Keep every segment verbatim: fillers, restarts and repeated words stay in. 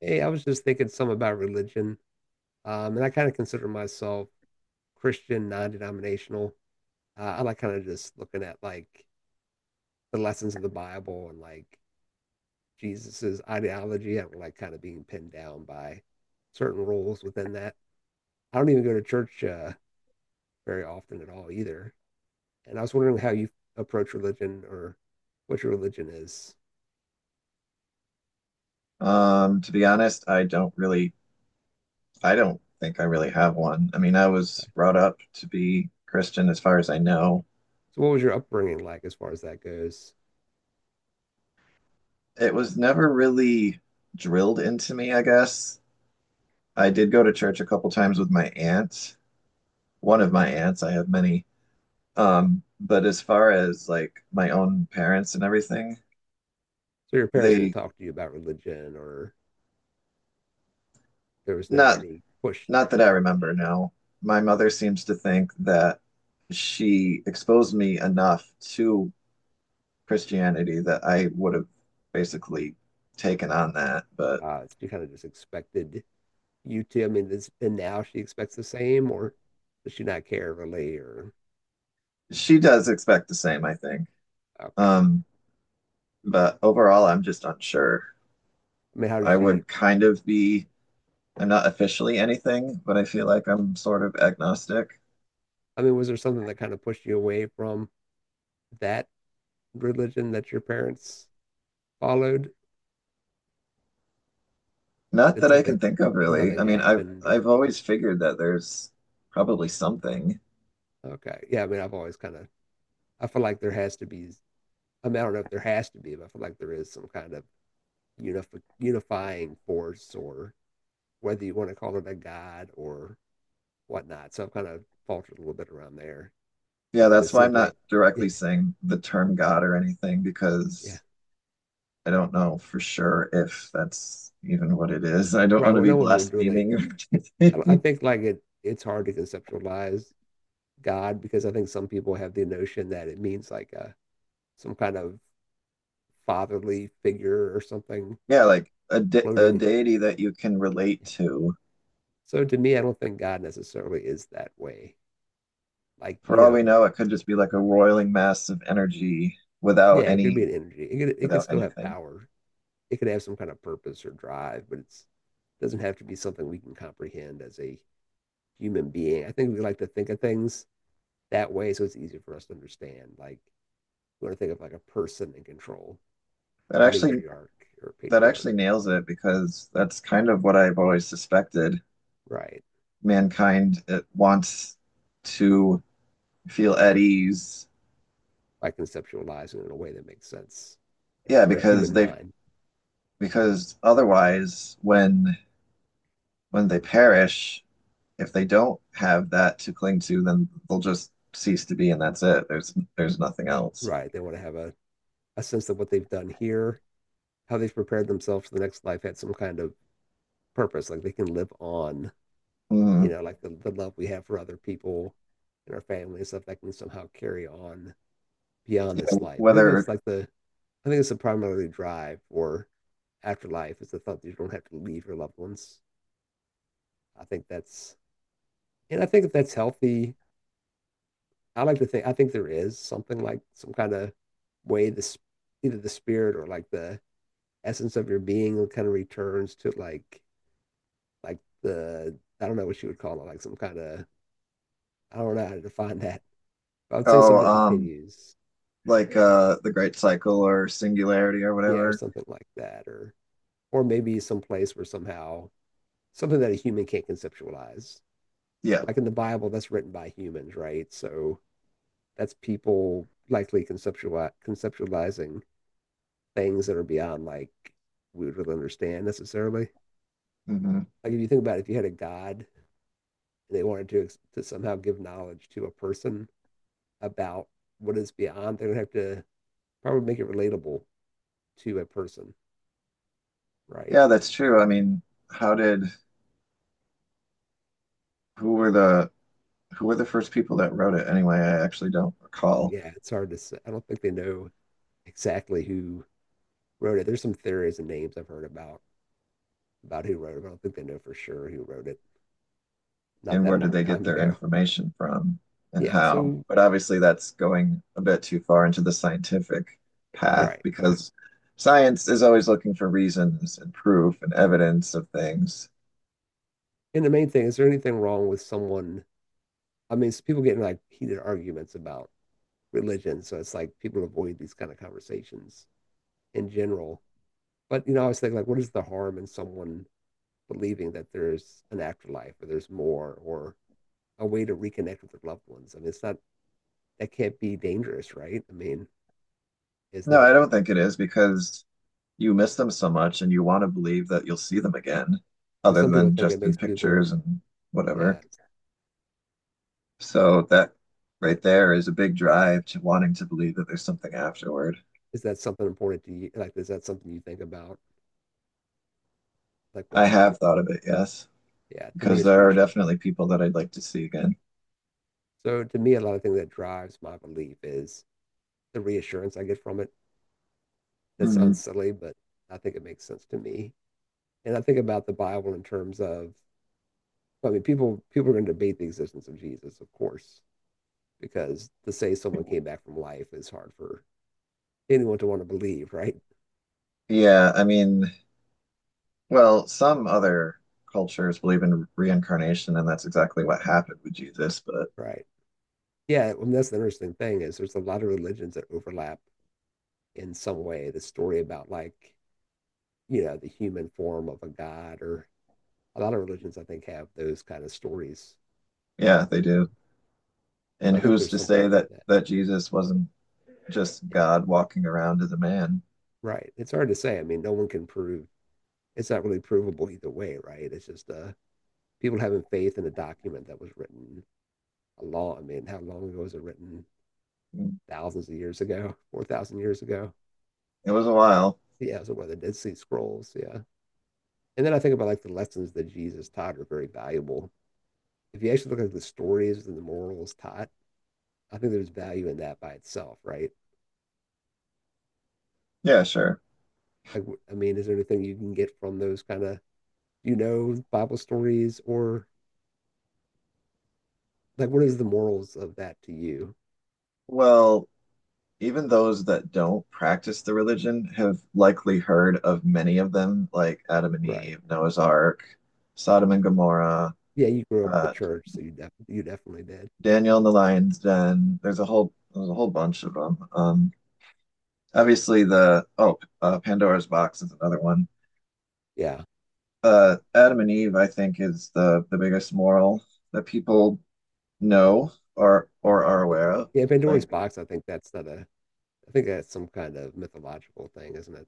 Hey, I was just thinking some about religion, um, and I kind of consider myself Christian, non-denominational. Uh, I like kind of just looking at like the lessons of the Bible and like Jesus's ideology. I don't like kind of being pinned down by certain rules within that. I don't even go to church uh, very often at all either. And I was wondering how you approach religion or what your religion is. Um, to be honest, I don't really, I don't think I really have one. I mean, I was brought up to be Christian as far as I know. So, what was your upbringing like as far as that goes? It was never really drilled into me, I guess. I did go to church a couple times with my aunt, one of my aunts, I have many. Um, but as far as like my own parents and everything, So, your parents didn't they talk to you about religion, or there was never not any push not that I remember now. My mother seems to think that she exposed me enough to Christianity that I would have basically taken on that, but uh, she kind of just expected you to. I mean, this, and now she expects the same, or does she not care really? Or she does expect the same, I think. okay, Um, but overall, I'm just unsure. I mean, how did I she? would kind of be, I'm not officially anything, but I feel like I'm sort of agnostic. I mean, was there something that kind of pushed you away from that religion that your parents followed? Not Did that I something, can think of really. nothing I mean, I've happened, or I've always figured that there's probably something. okay, yeah. I mean, I've always kind of, I feel like there has to be. I mean, I don't know if there has to be, but I feel like there is some kind of unif- unifying force, or whether you want to call it a god or whatnot. So I've kind of faltered a little bit around there. Yeah, But then it that's why I'm seems not like, yeah, directly saying the term God or anything yeah, because I don't know for sure if that's even what it is. I don't right. want to Well, be no one would relate. blaspheming or I, I anything. think like it, it's hard to conceptualize God because I think some people have the notion that it means like a, some kind of fatherly figure or something Yeah, like a de a floating. deity that you can relate Yeah. to. So to me, I don't think God necessarily is that way. Like, you For all know, we know, it could just be like a roiling mass of energy yeah, without it could be any an energy. It could, it could without still have anything. power. It could have some kind of purpose or drive, but it's doesn't have to be something we can comprehend as a human being. I think we like to think of things that way, so it's easier for us to understand. Like we want to think of like a person in control, That a actually matriarch or a that patriarch, actually nails it because that's kind of what I've always suspected. right? Mankind it wants to feel at ease. By conceptualizing in a way that makes sense Yeah, or a because human they mind, because otherwise when when they perish, if they don't have that to cling to, then they'll just cease to be, and that's it. There's there's nothing else. right? They want to have a, a sense of what they've done here, how they've prepared themselves for the next life had some kind of purpose, like they can live on, you Mm. know, like the, the love we have for other people and our family and stuff that can somehow carry on beyond this life. I think that's Whether like the I think it's a primary drive for afterlife is the thought that you don't have to leave your loved ones. I think that's, and I think if that's healthy, I like to think, I think there is something like some kind of way this, either the spirit or like the essence of your being kind of returns to like, like the, I don't know what you would call it, like some kind of, I don't know how to define that. I would say oh something um continues. like uh the Great Cycle or Singularity or Yeah, or whatever. something like that. Or, or maybe some place where somehow something that a human can't conceptualize. Yeah, Like in the Bible, that's written by humans, right? So that's people likely conceptuali conceptualizing things that are beyond like we would really understand necessarily. hmm Like if you think about it, if you had a god and they wanted to to somehow give knowledge to a person about what is beyond, they would have to probably make it relatable to a person, right? yeah, that's true. I mean, how did who were the who were the first people that wrote it anyway? I actually don't recall. Yeah, it's hard to say. I don't think they know exactly who wrote it. There's some theories and names I've heard about about who wrote it, but I don't think they know for sure who wrote it. Not And that where did long they get time their ago. information from and Yeah, how? so But obviously, that's going a bit too far into the scientific path right. because science is always looking for reasons and proof and evidence of things. And the main thing, is there anything wrong with someone? I mean, it's people getting like heated arguments about religion. So it's like people avoid these kind of conversations in general. But, you know, I was thinking, like, what is the harm in someone believing that there's an afterlife or there's more or a way to reconnect with their loved ones? I mean, it's not, that can't be dangerous, right? I mean, isn't No, that I don't think it is because you miss them so much and you want to believe that you'll see them again, like other some people than think it just in makes people, pictures and yeah, whatever. So that right there is a big drive to wanting to believe that there's something afterward. is that something important to you? Like, is that something you think about? Like, I what's have next? thought of it, yes, Yeah, to me, because it's there are reassuring. definitely people that I'd like to see again. So to me, a lot of things that drives my belief is the reassurance I get from it. That sounds Mhm. silly, but I think it makes sense to me. And I think about the Bible in terms of, I mean, people people are going to debate the existence of Jesus, of course, because to say someone came back from life is hard for anyone to want to believe, right? Yeah, I mean, well, some other cultures believe in reincarnation, and that's exactly what happened with Jesus, but Right. Yeah, I mean, that's the interesting thing is there's a lot of religions that overlap in some way. The story about like, you know, the human form of a god or a lot of religions I think have those kind of stories yeah, they in them. do. So And I think who's there's to something say to that that. that Jesus wasn't just Yeah, God walking around as a man? right. It's hard to say. I mean, no one can prove. It's not really provable either way, right? It's just uh, people having faith in a document that was written a long. I mean, how long ago was it written? Mm. Thousands of years ago, four thousand years ago. It was a while. Yeah, so one of the Dead Sea Scrolls. Yeah, and then I think about like the lessons that Jesus taught are very valuable. If you actually look at the stories and the morals taught, I think there's value in that by itself, right? Yeah, sure. Like, I mean, is there anything you can get from those kind of you know Bible stories or like what is the morals of that to you? Well, even those that don't practice the religion have likely heard of many of them, like Adam and Right. Eve, Noah's Ark, Sodom and Gomorrah, Yeah, you grew up with the uh, church, so you def- you definitely did. Daniel and the Lion's Den. There's a whole there's a whole bunch of them. Um, obviously the oh uh, Pandora's Box is another one. Yeah. Uh, Adam and Eve, I think, is the the biggest moral that people know or or are Yeah. aware of. Yeah, Pandora's Like, box, I think that's not a I think that's some kind of mythological thing, isn't it?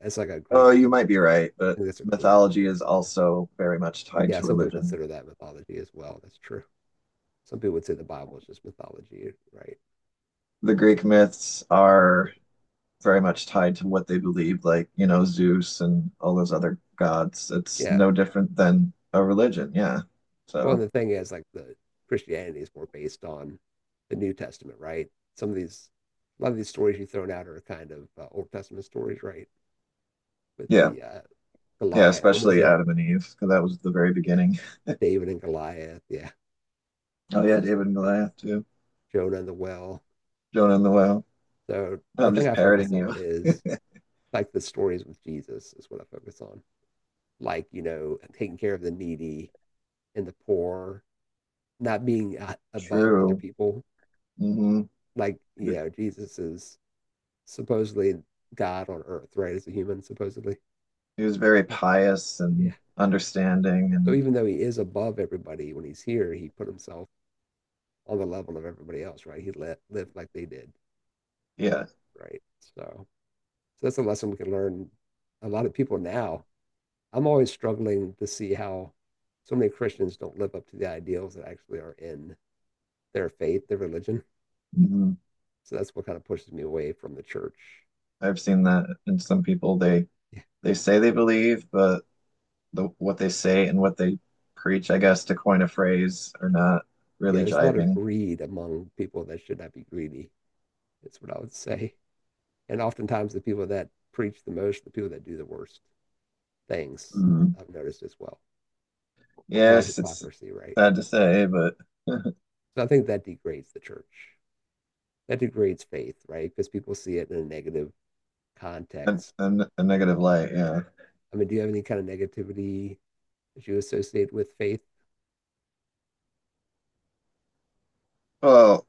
It's like a Greek oh, you might be right, I but think that's a Greek mythology thing or is something. also very much tied Yeah, to some people religion. consider that mythology as well. That's true. Some people would say the Bible is just mythology, right? The But Greek myths are yeah. very much tied to what they believed, like, you know, Zeus and all those other gods. It's Yeah. no different than a religion, yeah. Well, and So the thing is like the Christianity is more based on the New Testament, right? Some of these a lot of these stories you've thrown out are kind of uh, Old Testament stories, right? With yeah. the uh, Yeah, Goliath. What is especially it? Adam and Eve, because that was the very Yeah, beginning. David and Goliath. Yeah, Oh all yeah, those kind David of and things. Goliath too. Jonah and the well. Jonah and the whale. So No, the I'm thing just I focus parroting on you. is like the stories with Jesus is what I focus on. Like you know, taking care of the needy and the poor, not being uh, above other True. people. Hmm. Like you know, Jesus is supposedly God on earth, right? As a human, supposedly. He was very But, pious and yeah. understanding, So and even though he is above everybody when he's here, he put himself on the level of everybody else, right? He let, lived like they did. yeah. Right. So, so that's a lesson we can learn. A lot of people now, I'm always struggling to see how so many Christians don't live up to the ideals that actually are in their faith, their religion. Hmm. So that's what kind of pushes me away from the church. I've seen that in some people. They Yeah, They say they believe, but the, what they say and what they preach, I guess, to coin a phrase, are not yeah really there's a lot of jiving. greed among people that should not be greedy. That's what I would say. And oftentimes the people that preach the most, the people that do the worst things, Mhm. I've noticed as well. A lot of Yes, it's hypocrisy, right? sad to say, but So I think that degrades the church. That degrades faith, right? Because people see it in a negative a, context. a, a negative light. Yeah. I mean, do you have any kind of negativity that you associate with faith? Well,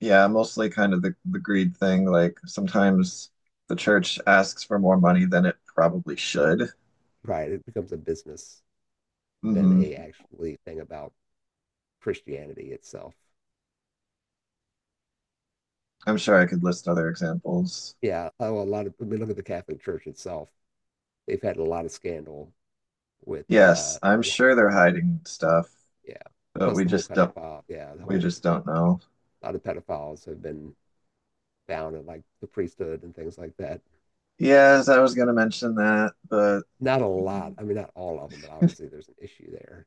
yeah, mostly kind of the, the greed thing. Like sometimes the church asks for more money than it probably should. Right, it becomes a business than Hmm. a actually thing about Christianity itself. I'm sure I could list other examples. Yeah, oh, a lot of. I mean, look at the Catholic Church itself. They've had a lot of scandal with, uh, Yes, I'm yeah, sure they're hiding stuff, yeah. but Plus we the whole just don't pedophile, yeah, the we whole just don't know. a lot of pedophiles have been found in like the priesthood and things like that. Yes, I was gonna mention that, but Not a lot. I mean, not all of them, but obviously there's an issue there.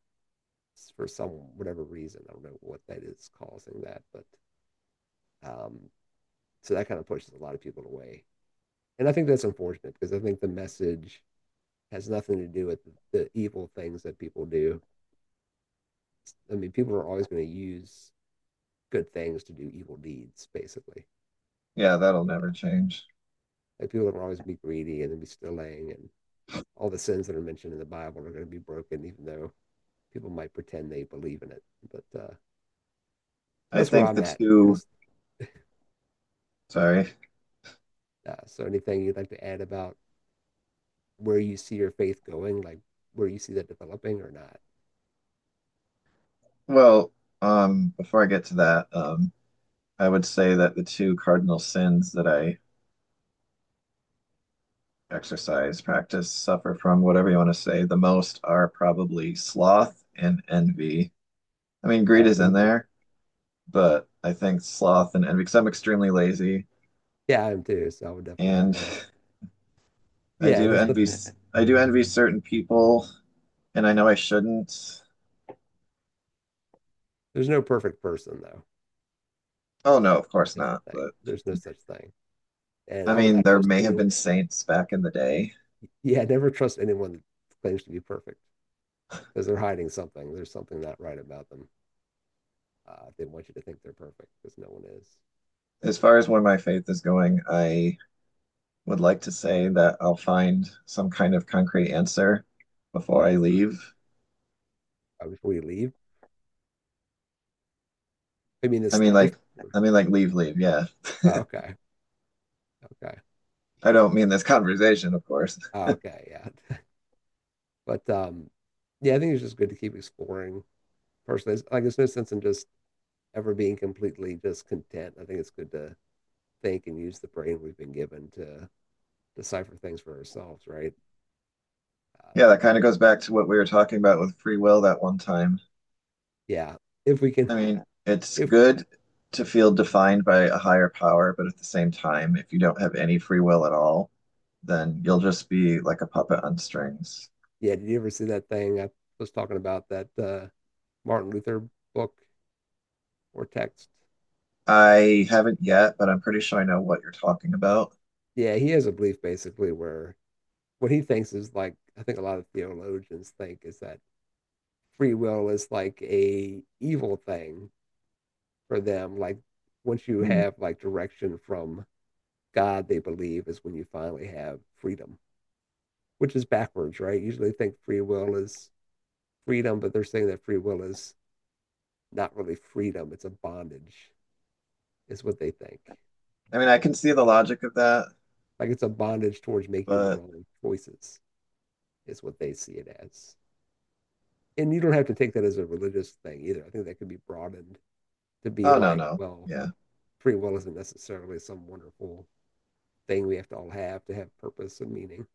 For some whatever reason. I don't know what that is causing that, but um, so that kind of pushes a lot of people away. And I think that's unfortunate because I think the message has nothing to do with the evil things that people do. I mean, people are always going to use good things to do evil deeds, basically. yeah, that'll You never know, change. like people are always be greedy and then be stealing, and all the sins that are mentioned in the Bible are going to be broken, even though people might pretend they believe in it. But uh, so I that's where think I'm the at. I'm two, just Sorry. uh, so anything you'd like to add about where you see your faith going, like where you see that developing or not. Well, um, before I get to that, um, I would say that the two cardinal sins that I exercise practice suffer from, whatever you want to say, the most are probably sloth and envy. I mean, greed Oh, is in and there, but I think sloth and envy, because I'm extremely lazy yeah, I'm too. So I would definitely have and that. I Yeah, and do there's envy, nothing. I do envy certain people, and I know I shouldn't. There's no perfect person though. Oh, no, of course That's the not. thing. But There's no such thing. And I I would mean, not there trust may have anyone. been saints back in the day. Yeah, never trust anyone that claims to be perfect because they're hiding something. There's something not right about them. Uh, they want you to think they're perfect because no one is. As far as where my faith is going, I would like to say that I'll find some kind of concrete answer before I Right. leave. Uh, before you leave, I mean, I this mean, life. like, I Or- mean, like, leave, leave. Yeah. Oh, okay. Okay. I don't mean this conversation, of course. Oh, okay. Yeah. But um, yeah, I think it's just good to keep exploring personally, it's- like there's no sense in just ever being completely just content. I think it's good to think and use the brain we've been given to decipher things for ourselves, right? Uh, Yeah, that kind of goes back to what we were talking about with free will that one time. yeah, if we can, I mean, it's if good to feel defined by a higher power, but at the same time, if you don't have any free will at all, then you'll just be like a puppet on strings. yeah, did you ever see that thing I was talking about that uh, Martin Luther book or text? I haven't yet, but I'm Yeah, pretty sure I know what you're talking about. yeah, he has a belief basically where what he thinks is like I think a lot of theologians think is that free will is like a evil thing for them, like once you Mm. have like direction from God they believe is when you finally have freedom, which is backwards, right? Usually think free will is freedom, but they're saying that free will is not really freedom, it's a bondage, is what they think. I mean, I can see the logic of that, Like it's a bondage towards making the but wrong choices, is what they see it as. And you don't have to take that as a religious thing either. I think that could be broadened to be oh, no, like, no. well, Yeah. free will isn't necessarily some wonderful thing we have to all have to have purpose and meaning.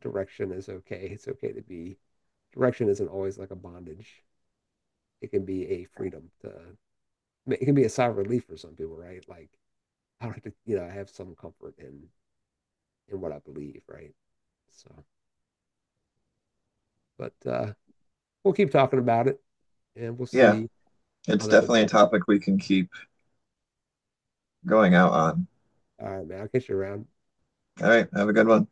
Direction is okay. It's okay to be. Direction isn't always like a bondage. It can be a freedom to it can be a sigh of relief for some people, right? Like I don't have to, you know, I have some comfort in in what I believe, right? So, but uh, we'll keep talking about it, and we'll Yeah. see how It's that definitely a develops. topic we can keep going out on. All right, man. I'll catch you around. All right, have a good one.